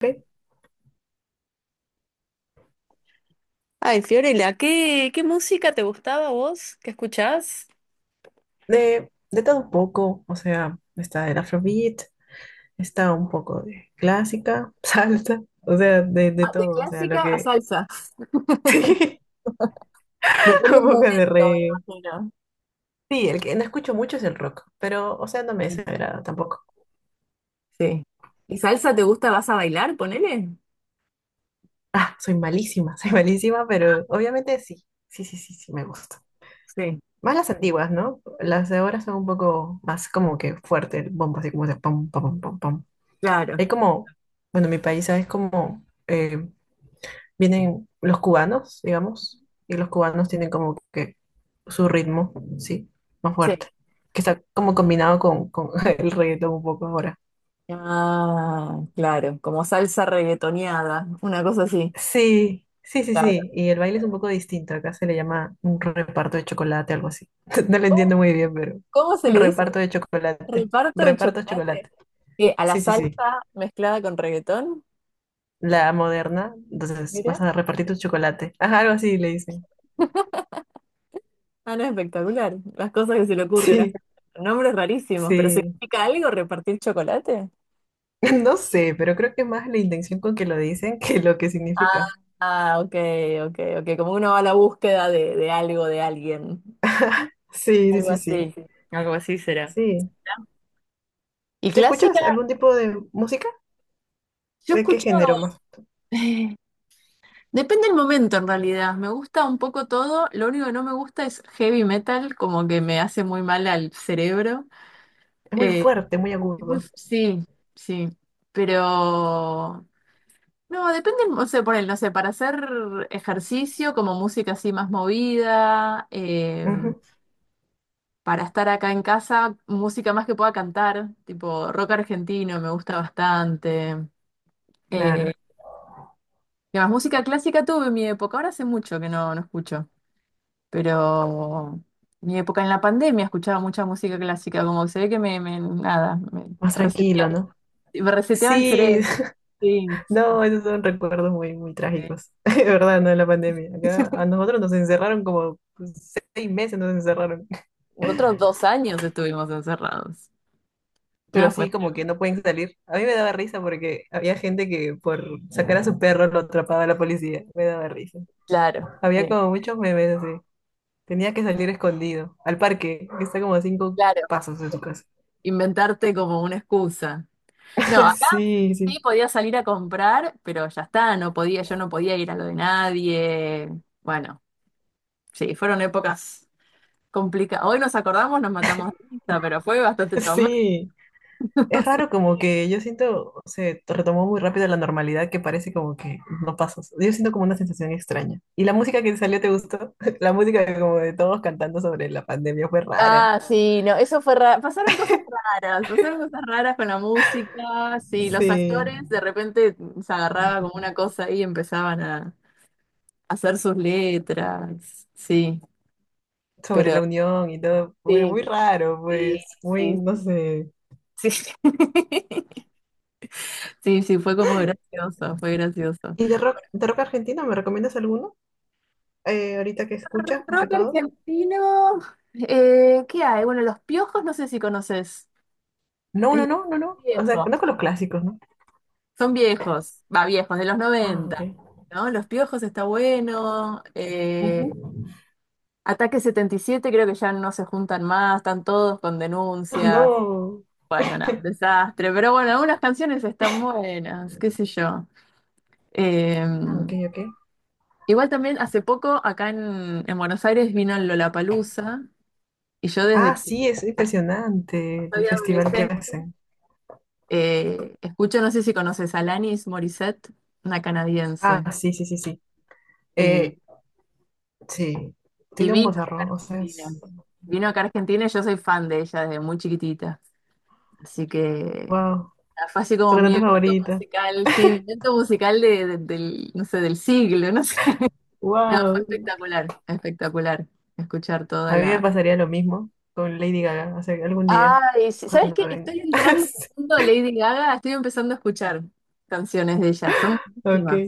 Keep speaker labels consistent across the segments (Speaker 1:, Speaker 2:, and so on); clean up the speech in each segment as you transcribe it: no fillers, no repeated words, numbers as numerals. Speaker 1: De,
Speaker 2: Ay, Fiorella, ¿qué música te gustaba a vos? ¿Qué escuchás?
Speaker 1: de, todo un poco, o sea, está el afrobeat, está un poco de clásica, salsa, o sea, de
Speaker 2: Ah, de
Speaker 1: todo, o sea, lo
Speaker 2: clásica a
Speaker 1: que...
Speaker 2: salsa.
Speaker 1: Sí,
Speaker 2: Depende
Speaker 1: un
Speaker 2: del
Speaker 1: poco de
Speaker 2: momento,
Speaker 1: reggae.
Speaker 2: me imagino.
Speaker 1: Sí, el que no escucho mucho es el rock, pero, o sea, no me
Speaker 2: Mm.
Speaker 1: desagrada tampoco.
Speaker 2: Sí. ¿Y salsa te gusta? ¿Vas a bailar? Ponele.
Speaker 1: Ah, soy malísima, soy malísima, pero obviamente sí, sí, sí, sí, sí, me gusta.
Speaker 2: Sí,
Speaker 1: Más las antiguas, ¿no? Las de ahora son un poco más como que fuerte el bombo, así como de pom pom pom pom pam.
Speaker 2: claro.
Speaker 1: Hay como, bueno, en mi país es como... vienen los cubanos, digamos, y los cubanos tienen como que su ritmo, sí, más
Speaker 2: Sí.
Speaker 1: fuerte, que está como combinado con, el reggaetón un poco ahora.
Speaker 2: Ah, claro. Como salsa reggaetoneada, una cosa así.
Speaker 1: Sí, sí, sí,
Speaker 2: Claro.
Speaker 1: sí, y el baile es un poco distinto, acá se le llama un reparto de chocolate, algo así. No lo
Speaker 2: ¿Cómo,
Speaker 1: entiendo muy bien, pero
Speaker 2: cómo se
Speaker 1: un
Speaker 2: le dice?
Speaker 1: reparto de chocolate,
Speaker 2: Reparto de
Speaker 1: reparto de
Speaker 2: chocolate.
Speaker 1: chocolate.
Speaker 2: ¿Qué? ¿A la
Speaker 1: Sí, sí, sí,
Speaker 2: salsa mezclada con reggaetón?
Speaker 1: la moderna, entonces vas a repartir tu chocolate. Ajá, algo así le dicen.
Speaker 2: Ah, no, espectacular. Las cosas que se le ocurren a la
Speaker 1: Sí,
Speaker 2: gente. Nombres rarísimos, pero
Speaker 1: sí.
Speaker 2: ¿significa algo repartir chocolate?
Speaker 1: No sé, pero creo que más la intención con que lo dicen que lo que
Speaker 2: Ah,
Speaker 1: significa.
Speaker 2: ah, ok, ok, ok. Como uno va a la búsqueda de algo, de alguien.
Speaker 1: Sí, sí,
Speaker 2: Algo
Speaker 1: sí, sí.
Speaker 2: así. Algo así será.
Speaker 1: Sí.
Speaker 2: Y
Speaker 1: ¿Te
Speaker 2: clásica,
Speaker 1: escuchas algún tipo de música?
Speaker 2: yo
Speaker 1: ¿De qué
Speaker 2: escucho.
Speaker 1: género más?
Speaker 2: eh, Depende del momento en realidad. Me gusta un poco todo. Lo único que no me gusta es heavy metal, como que me hace muy mal al cerebro.
Speaker 1: Es muy
Speaker 2: Eh,
Speaker 1: fuerte, muy agudo.
Speaker 2: sí, sí. Pero no, depende, o sea, por él, no sé, para hacer ejercicio, como música así más movida.
Speaker 1: Ujú.
Speaker 2: Para estar acá en casa, música más que pueda cantar, tipo rock argentino, me gusta bastante. Eh,
Speaker 1: Claro,
Speaker 2: ¿Qué más? Música clásica tuve en mi época, ahora hace mucho que no escucho, pero mi época en la pandemia escuchaba mucha música clásica, como que se ve que nada,
Speaker 1: más tranquilo, ¿no?
Speaker 2: me reseteaba el
Speaker 1: Sí,
Speaker 2: cerebro. Sí,
Speaker 1: no, esos son recuerdos muy, muy
Speaker 2: sí,
Speaker 1: trágicos. De verdad, no de la pandemia.
Speaker 2: sí.
Speaker 1: Acá a nosotros nos encerraron como pues, 6 meses, nos encerraron.
Speaker 2: Nosotros 2 años estuvimos encerrados.
Speaker 1: Pero
Speaker 2: No, fue
Speaker 1: así como que no pueden salir. A mí me daba risa porque había gente que por sacar a su perro lo atrapaba la policía. Me daba risa.
Speaker 2: claro,
Speaker 1: Había
Speaker 2: sí,
Speaker 1: como muchos memes así. Tenía que salir escondido al parque, que está como a cinco
Speaker 2: claro.
Speaker 1: pasos de tu casa.
Speaker 2: Inventarte como una excusa. No, acá
Speaker 1: Sí, sí,
Speaker 2: sí podía salir a comprar, pero ya está, no podía, yo no podía ir a lo de nadie. Bueno, sí, fueron épocas complicadas. Hoy nos acordamos, nos matamos de risa, pero fue bastante traumático.
Speaker 1: sí. Es raro como que yo siento, se retomó muy rápido la normalidad que parece como que no pasas. Yo siento como una sensación extraña. ¿Y la música que salió te gustó? La música de como de todos cantando sobre la pandemia fue rara.
Speaker 2: Ah, sí, no, eso fue raro. Pasaron cosas raras con la música, sí, los
Speaker 1: Sí.
Speaker 2: actores de repente se agarraba como una cosa y empezaban a hacer sus letras, sí,
Speaker 1: Sobre
Speaker 2: pero
Speaker 1: la unión y todo. Bueno,
Speaker 2: sí,
Speaker 1: muy raro,
Speaker 2: sí,
Speaker 1: pues. Muy, no
Speaker 2: sí.
Speaker 1: sé.
Speaker 2: Sí, sí, sí, fue como gracioso, fue gracioso.
Speaker 1: ¿Y de rock, argentino me recomiendas alguno? ¿Ahorita que escuchas, más que
Speaker 2: Rock
Speaker 1: todo?
Speaker 2: argentino, ¿qué hay? Bueno, Los Piojos no sé si conoces.
Speaker 1: No, no,
Speaker 2: Es
Speaker 1: no, no, no. O sea,
Speaker 2: viejo.
Speaker 1: no con los clásicos, ¿no?
Speaker 2: Son viejos, va, viejos, de los
Speaker 1: Ah,
Speaker 2: 90,
Speaker 1: ok.
Speaker 2: ¿no? Los Piojos está bueno.
Speaker 1: Ujú.
Speaker 2: Ataque 77, creo que ya no se juntan más, están todos con denuncias.
Speaker 1: No.
Speaker 2: Bueno, nada, desastre. Pero bueno, algunas canciones están buenas, qué sé yo. Eh,
Speaker 1: Ah, ok, ok.
Speaker 2: Igual también hace poco acá en Buenos Aires vino el Lollapalooza, y yo
Speaker 1: Ah,
Speaker 2: desde que
Speaker 1: sí, es impresionante
Speaker 2: soy
Speaker 1: el festival que
Speaker 2: adolescente,
Speaker 1: hacen.
Speaker 2: escucho, no sé si conoces a Alanis Morissette, una
Speaker 1: Ah,
Speaker 2: canadiense,
Speaker 1: sí, sí, sí, sí.
Speaker 2: y,
Speaker 1: Eh, sí,
Speaker 2: y
Speaker 1: tiene un
Speaker 2: vino acá a
Speaker 1: bozarrón, o sea,
Speaker 2: Argentina.
Speaker 1: es...
Speaker 2: Vino acá a Argentina y yo soy fan de ella desde muy chiquitita. Así que
Speaker 1: Wow,
Speaker 2: nada, fue así
Speaker 1: su
Speaker 2: como mi
Speaker 1: cantante
Speaker 2: evento
Speaker 1: favorita.
Speaker 2: musical, sí, mi evento musical del, no sé, del siglo, no sé. Nada, fue
Speaker 1: Wow.
Speaker 2: espectacular, espectacular escuchar toda
Speaker 1: A mí me
Speaker 2: la...
Speaker 1: pasaría lo mismo con Lady Gaga, o sea, algún día,
Speaker 2: Ay, sí, ¿sabes
Speaker 1: cuando
Speaker 2: qué?
Speaker 1: venga.
Speaker 2: Estoy entrando en el mundo de Lady Gaga, estoy empezando a escuchar canciones de ella, son
Speaker 1: Ok.
Speaker 2: buenísimas,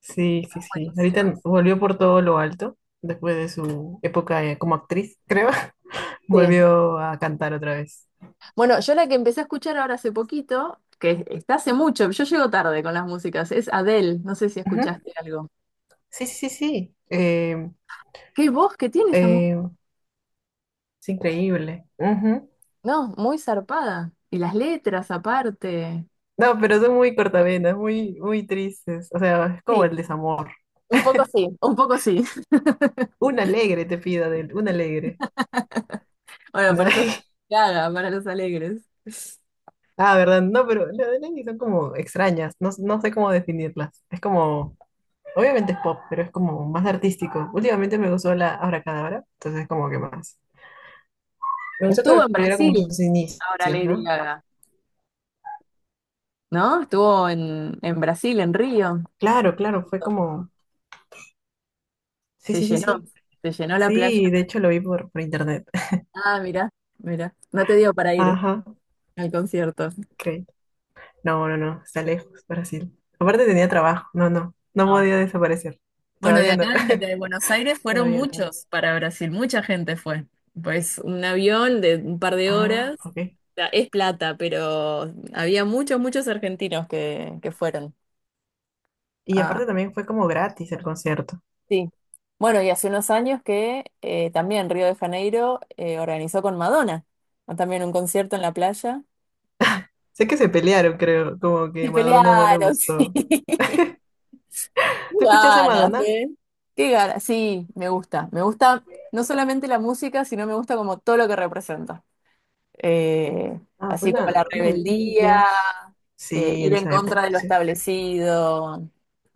Speaker 1: Sí, sí, sí. Ahorita
Speaker 2: buenísimas.
Speaker 1: volvió por todo lo alto, después de su época como actriz, creo.
Speaker 2: Sí.
Speaker 1: Volvió a cantar otra vez.
Speaker 2: Bueno, yo la que empecé a escuchar ahora hace poquito, que está hace mucho, yo llego tarde con las músicas, es Adele, no sé si
Speaker 1: Ujú.
Speaker 2: escuchaste algo.
Speaker 1: Sí, sí, sí, sí.
Speaker 2: ¿Qué voz que tiene esa mujer?
Speaker 1: Eh, es increíble. Ujú.
Speaker 2: No, muy zarpada. Y las letras aparte.
Speaker 1: No, pero son muy cortavenas, muy, muy tristes. O sea, es como
Speaker 2: Sí,
Speaker 1: el desamor.
Speaker 2: un poco sí, un poco sí.
Speaker 1: Un alegre te pida de él, un alegre.
Speaker 2: Bueno, para eso Lady Gaga, para los alegres.
Speaker 1: Ah, ¿verdad? No, pero las de Lenny son como extrañas. No, no sé cómo definirlas. Es como... Obviamente es pop, pero es como más artístico. Últimamente me gustó la Abracadabra, entonces como que más. Me gustó que
Speaker 2: Estuvo en
Speaker 1: volviera como
Speaker 2: Brasil
Speaker 1: sus
Speaker 2: ahora
Speaker 1: inicios,
Speaker 2: Lady
Speaker 1: ¿no?
Speaker 2: Gaga, ¿no? Estuvo en Brasil, en Río.
Speaker 1: Claro, claro, fue como... Sí,
Speaker 2: Se
Speaker 1: sí, sí, sí.
Speaker 2: llenó, se llenó la playa.
Speaker 1: Sí, de hecho lo vi por, internet.
Speaker 2: Ah, mira, mira. No te dio para ir
Speaker 1: Ajá,
Speaker 2: al concierto.
Speaker 1: ok. No, no, no, está lejos, Brasil. Aparte tenía trabajo, no, no, no
Speaker 2: No.
Speaker 1: podía desaparecer.
Speaker 2: Bueno, de
Speaker 1: Todavía no,
Speaker 2: acá, de Buenos Aires, fueron
Speaker 1: todavía no.
Speaker 2: muchos para Brasil, mucha gente fue. Pues un avión de un par de
Speaker 1: Ah,
Speaker 2: horas,
Speaker 1: ok.
Speaker 2: o sea, es plata, pero había muchos, muchos argentinos que fueron.
Speaker 1: Y
Speaker 2: Ah,
Speaker 1: aparte también fue como gratis el concierto.
Speaker 2: sí. Bueno, y hace unos años que también Río de Janeiro organizó con Madonna, ¿no?, también un concierto en la playa.
Speaker 1: Sé que se pelearon, creo, como que
Speaker 2: Se
Speaker 1: Madonna no le
Speaker 2: pelearon, sí.
Speaker 1: gustó.
Speaker 2: Qué
Speaker 1: ¿Tú escuchaste a
Speaker 2: ganas,
Speaker 1: Madonna?
Speaker 2: ¿eh? Qué ganas. Sí, me gusta. Me gusta no solamente la música, sino me gusta como todo lo que representa. Eh,
Speaker 1: Ah, fue
Speaker 2: Así como
Speaker 1: una,
Speaker 2: la rebeldía,
Speaker 1: digamos, sí,
Speaker 2: ir
Speaker 1: en
Speaker 2: en
Speaker 1: esa época,
Speaker 2: contra de lo
Speaker 1: sí.
Speaker 2: establecido.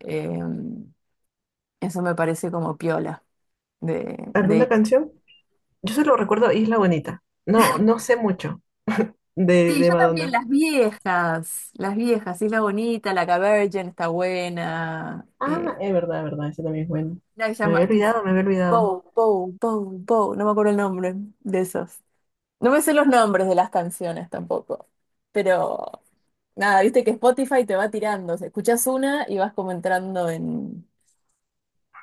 Speaker 2: eh, Eso me parece como piola. De,
Speaker 1: ¿Alguna
Speaker 2: de...
Speaker 1: canción? Yo solo recuerdo Isla Bonita. No, no sé mucho de,
Speaker 2: Sí, yo también,
Speaker 1: Madonna.
Speaker 2: las viejas. Las viejas, Isla Bonita, La Cavergen está buena.
Speaker 1: Ah, es verdad, eso también es bueno.
Speaker 2: Una que se
Speaker 1: Me
Speaker 2: llama,
Speaker 1: había olvidado, me había olvidado.
Speaker 2: Bow, Bow, Bow, Bow, no me acuerdo el nombre de esos. No me sé los nombres de las canciones tampoco. Pero nada, viste que Spotify te va tirando, o sea, escuchás una y vas como entrando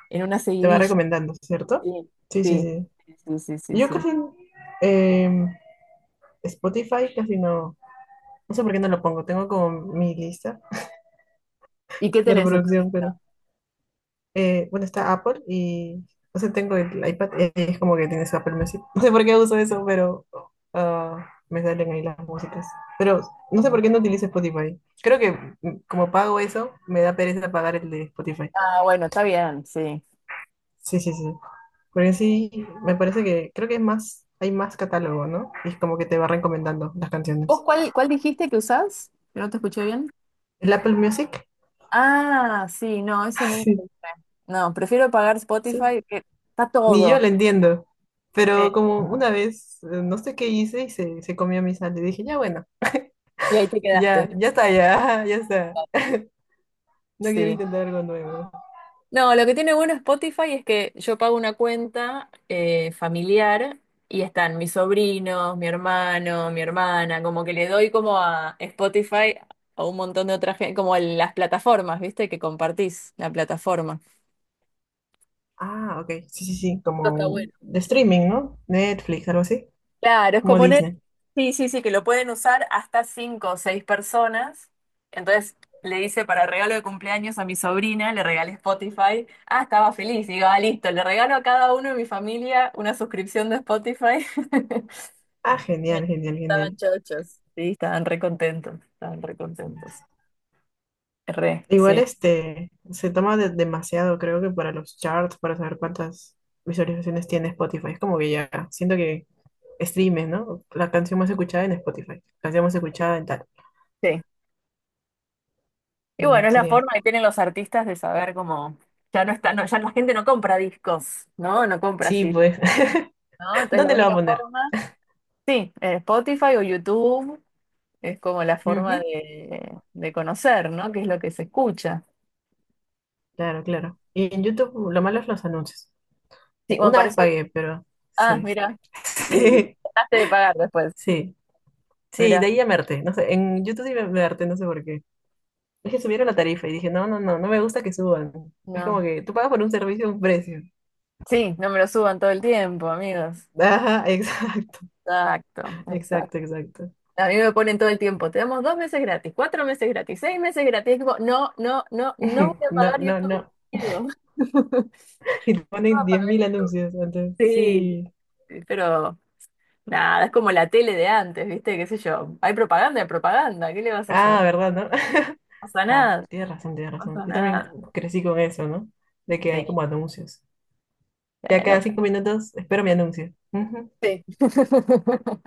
Speaker 2: en una
Speaker 1: Te va
Speaker 2: seguidilla.
Speaker 1: recomendando, ¿cierto?
Speaker 2: Sí,
Speaker 1: Sí, sí,
Speaker 2: sí,
Speaker 1: sí.
Speaker 2: sí, sí, sí,
Speaker 1: Yo
Speaker 2: sí.
Speaker 1: casi, em, Spotify casi no, no sé por qué no lo pongo. Tengo como mi lista
Speaker 2: ¿Y qué
Speaker 1: de
Speaker 2: tenés en tu
Speaker 1: reproducción, pero...
Speaker 2: lista?
Speaker 1: bueno, está Apple y, o sea, tengo el iPad y es como que tienes Apple Music. No sé por qué uso eso, pero ah, me salen ahí las músicas. Pero no sé por
Speaker 2: Sí.
Speaker 1: qué no utilizo Spotify. Creo que como pago eso, me da pereza pagar el de Spotify.
Speaker 2: Ah, bueno, está bien, sí.
Speaker 1: Sí, sí, sí. Porque sí, me parece que creo que es más, hay más catálogo, ¿no? Y es como que te va recomendando las
Speaker 2: ¿Vos
Speaker 1: canciones.
Speaker 2: cuál dijiste que usás? Que no te escuché bien.
Speaker 1: ¿El Apple Music?
Speaker 2: Ah, sí, no, ese nunca lo
Speaker 1: Sí,
Speaker 2: usé. No, prefiero pagar
Speaker 1: sí.
Speaker 2: Spotify, que está
Speaker 1: Ni yo
Speaker 2: todo.
Speaker 1: lo entiendo.
Speaker 2: Eh,
Speaker 1: Pero como una vez, no sé qué hice y se comió mi sal, y dije, ya bueno.
Speaker 2: y ahí te quedaste.
Speaker 1: Ya, ya está, ya, ya está. No quiero
Speaker 2: Sí.
Speaker 1: intentar algo nuevo.
Speaker 2: No, lo que tiene bueno Spotify es que yo pago una cuenta familiar, y están mis sobrinos, mi hermano, mi hermana, como que le doy como a Spotify a un montón de otras, las plataformas, ¿viste? Que compartís la plataforma.
Speaker 1: Ah, ok. Sí, sí, sí.
Speaker 2: Eso
Speaker 1: Como
Speaker 2: está bueno.
Speaker 1: de streaming, ¿no? Netflix, algo así.
Speaker 2: Claro, es
Speaker 1: Como
Speaker 2: como un...
Speaker 1: Disney.
Speaker 2: Sí, sí, sí, que lo pueden usar hasta cinco o seis personas. Entonces le hice para regalo de cumpleaños a mi sobrina, le regalé Spotify. Ah, estaba feliz. Digo, ah, listo, le regalo a cada uno de mi familia una suscripción de Spotify.
Speaker 1: Ah, genial, genial,
Speaker 2: Estaban
Speaker 1: genial.
Speaker 2: chochos. Sí, estaban re contentos, estaban re contentos. Re,
Speaker 1: Igual
Speaker 2: sí.
Speaker 1: este se toma demasiado, creo que para los charts, para saber cuántas visualizaciones tiene Spotify. Es como que ya siento que streames, ¿no? La canción más escuchada en Spotify. Canción más escuchada en tal.
Speaker 2: Sí. Y
Speaker 1: Bueno,
Speaker 2: bueno, es la
Speaker 1: sería.
Speaker 2: forma que tienen los artistas de saber cómo... ya no está, no, ya la gente no compra discos, ¿no? No compra
Speaker 1: Sí,
Speaker 2: así,
Speaker 1: pues.
Speaker 2: ¿no? Entonces la
Speaker 1: ¿Dónde lo va a
Speaker 2: única
Speaker 1: poner?
Speaker 2: forma... Sí, Spotify o YouTube es como la forma
Speaker 1: Ujú.
Speaker 2: de conocer, ¿no? ¿Qué es lo que se escucha?
Speaker 1: Claro, claro. Y en YouTube lo malo es los anuncios.
Speaker 2: Sí, bueno,
Speaker 1: Una
Speaker 2: para
Speaker 1: vez
Speaker 2: eso...
Speaker 1: pagué, pero
Speaker 2: Ah,
Speaker 1: sí.
Speaker 2: mira, y
Speaker 1: Sí,
Speaker 2: dejaste de pagar después.
Speaker 1: sí, sí,
Speaker 2: Mira,
Speaker 1: de ahí a Merte no sé, en YouTube sí me harté, no sé por qué. Es que subieron la tarifa y dije, no, no, no, no me gusta que suban. Es como
Speaker 2: no.
Speaker 1: que tú pagas por un servicio a un precio.
Speaker 2: Sí, no me lo suban todo el tiempo, amigos.
Speaker 1: Ajá, exacto,
Speaker 2: Exacto, exacto.
Speaker 1: exacto, exacto.
Speaker 2: A mí me ponen todo el tiempo. Te damos 2 meses gratis, 4 meses gratis, 6 meses gratis. Es como, no, no, no, no voy a
Speaker 1: No,
Speaker 2: pagar
Speaker 1: no, no.
Speaker 2: YouTube. Digo.
Speaker 1: Y te ponen 10.000 anuncios antes,
Speaker 2: Sí,
Speaker 1: sí.
Speaker 2: sí, pero nada, es como la tele de antes, ¿viste? ¿Qué sé yo? Hay propaganda, ¿qué le vas a
Speaker 1: Ah,
Speaker 2: hacer? No
Speaker 1: ¿verdad, no?
Speaker 2: pasa
Speaker 1: Ah,
Speaker 2: nada, no
Speaker 1: tienes razón, tienes razón.
Speaker 2: pasa
Speaker 1: Yo también
Speaker 2: nada.
Speaker 1: crecí con eso, ¿no? De que
Speaker 2: Sí,
Speaker 1: hay como anuncios. Ya
Speaker 2: bueno.
Speaker 1: cada 5 minutos espero mi anuncio.
Speaker 2: Sí.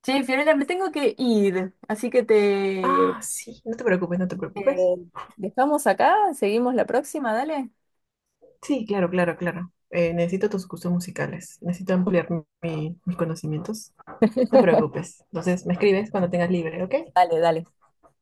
Speaker 2: Che, Fiorella, me tengo que ir, así que te
Speaker 1: Ah, sí, no te preocupes, no te preocupes.
Speaker 2: dejamos acá, seguimos la próxima, dale.
Speaker 1: Sí, claro, claro, claro. Necesito tus gustos musicales. Necesito ampliar mis conocimientos. No te preocupes. Entonces, me escribes cuando tengas libre, ¿ok?
Speaker 2: Dale, dale.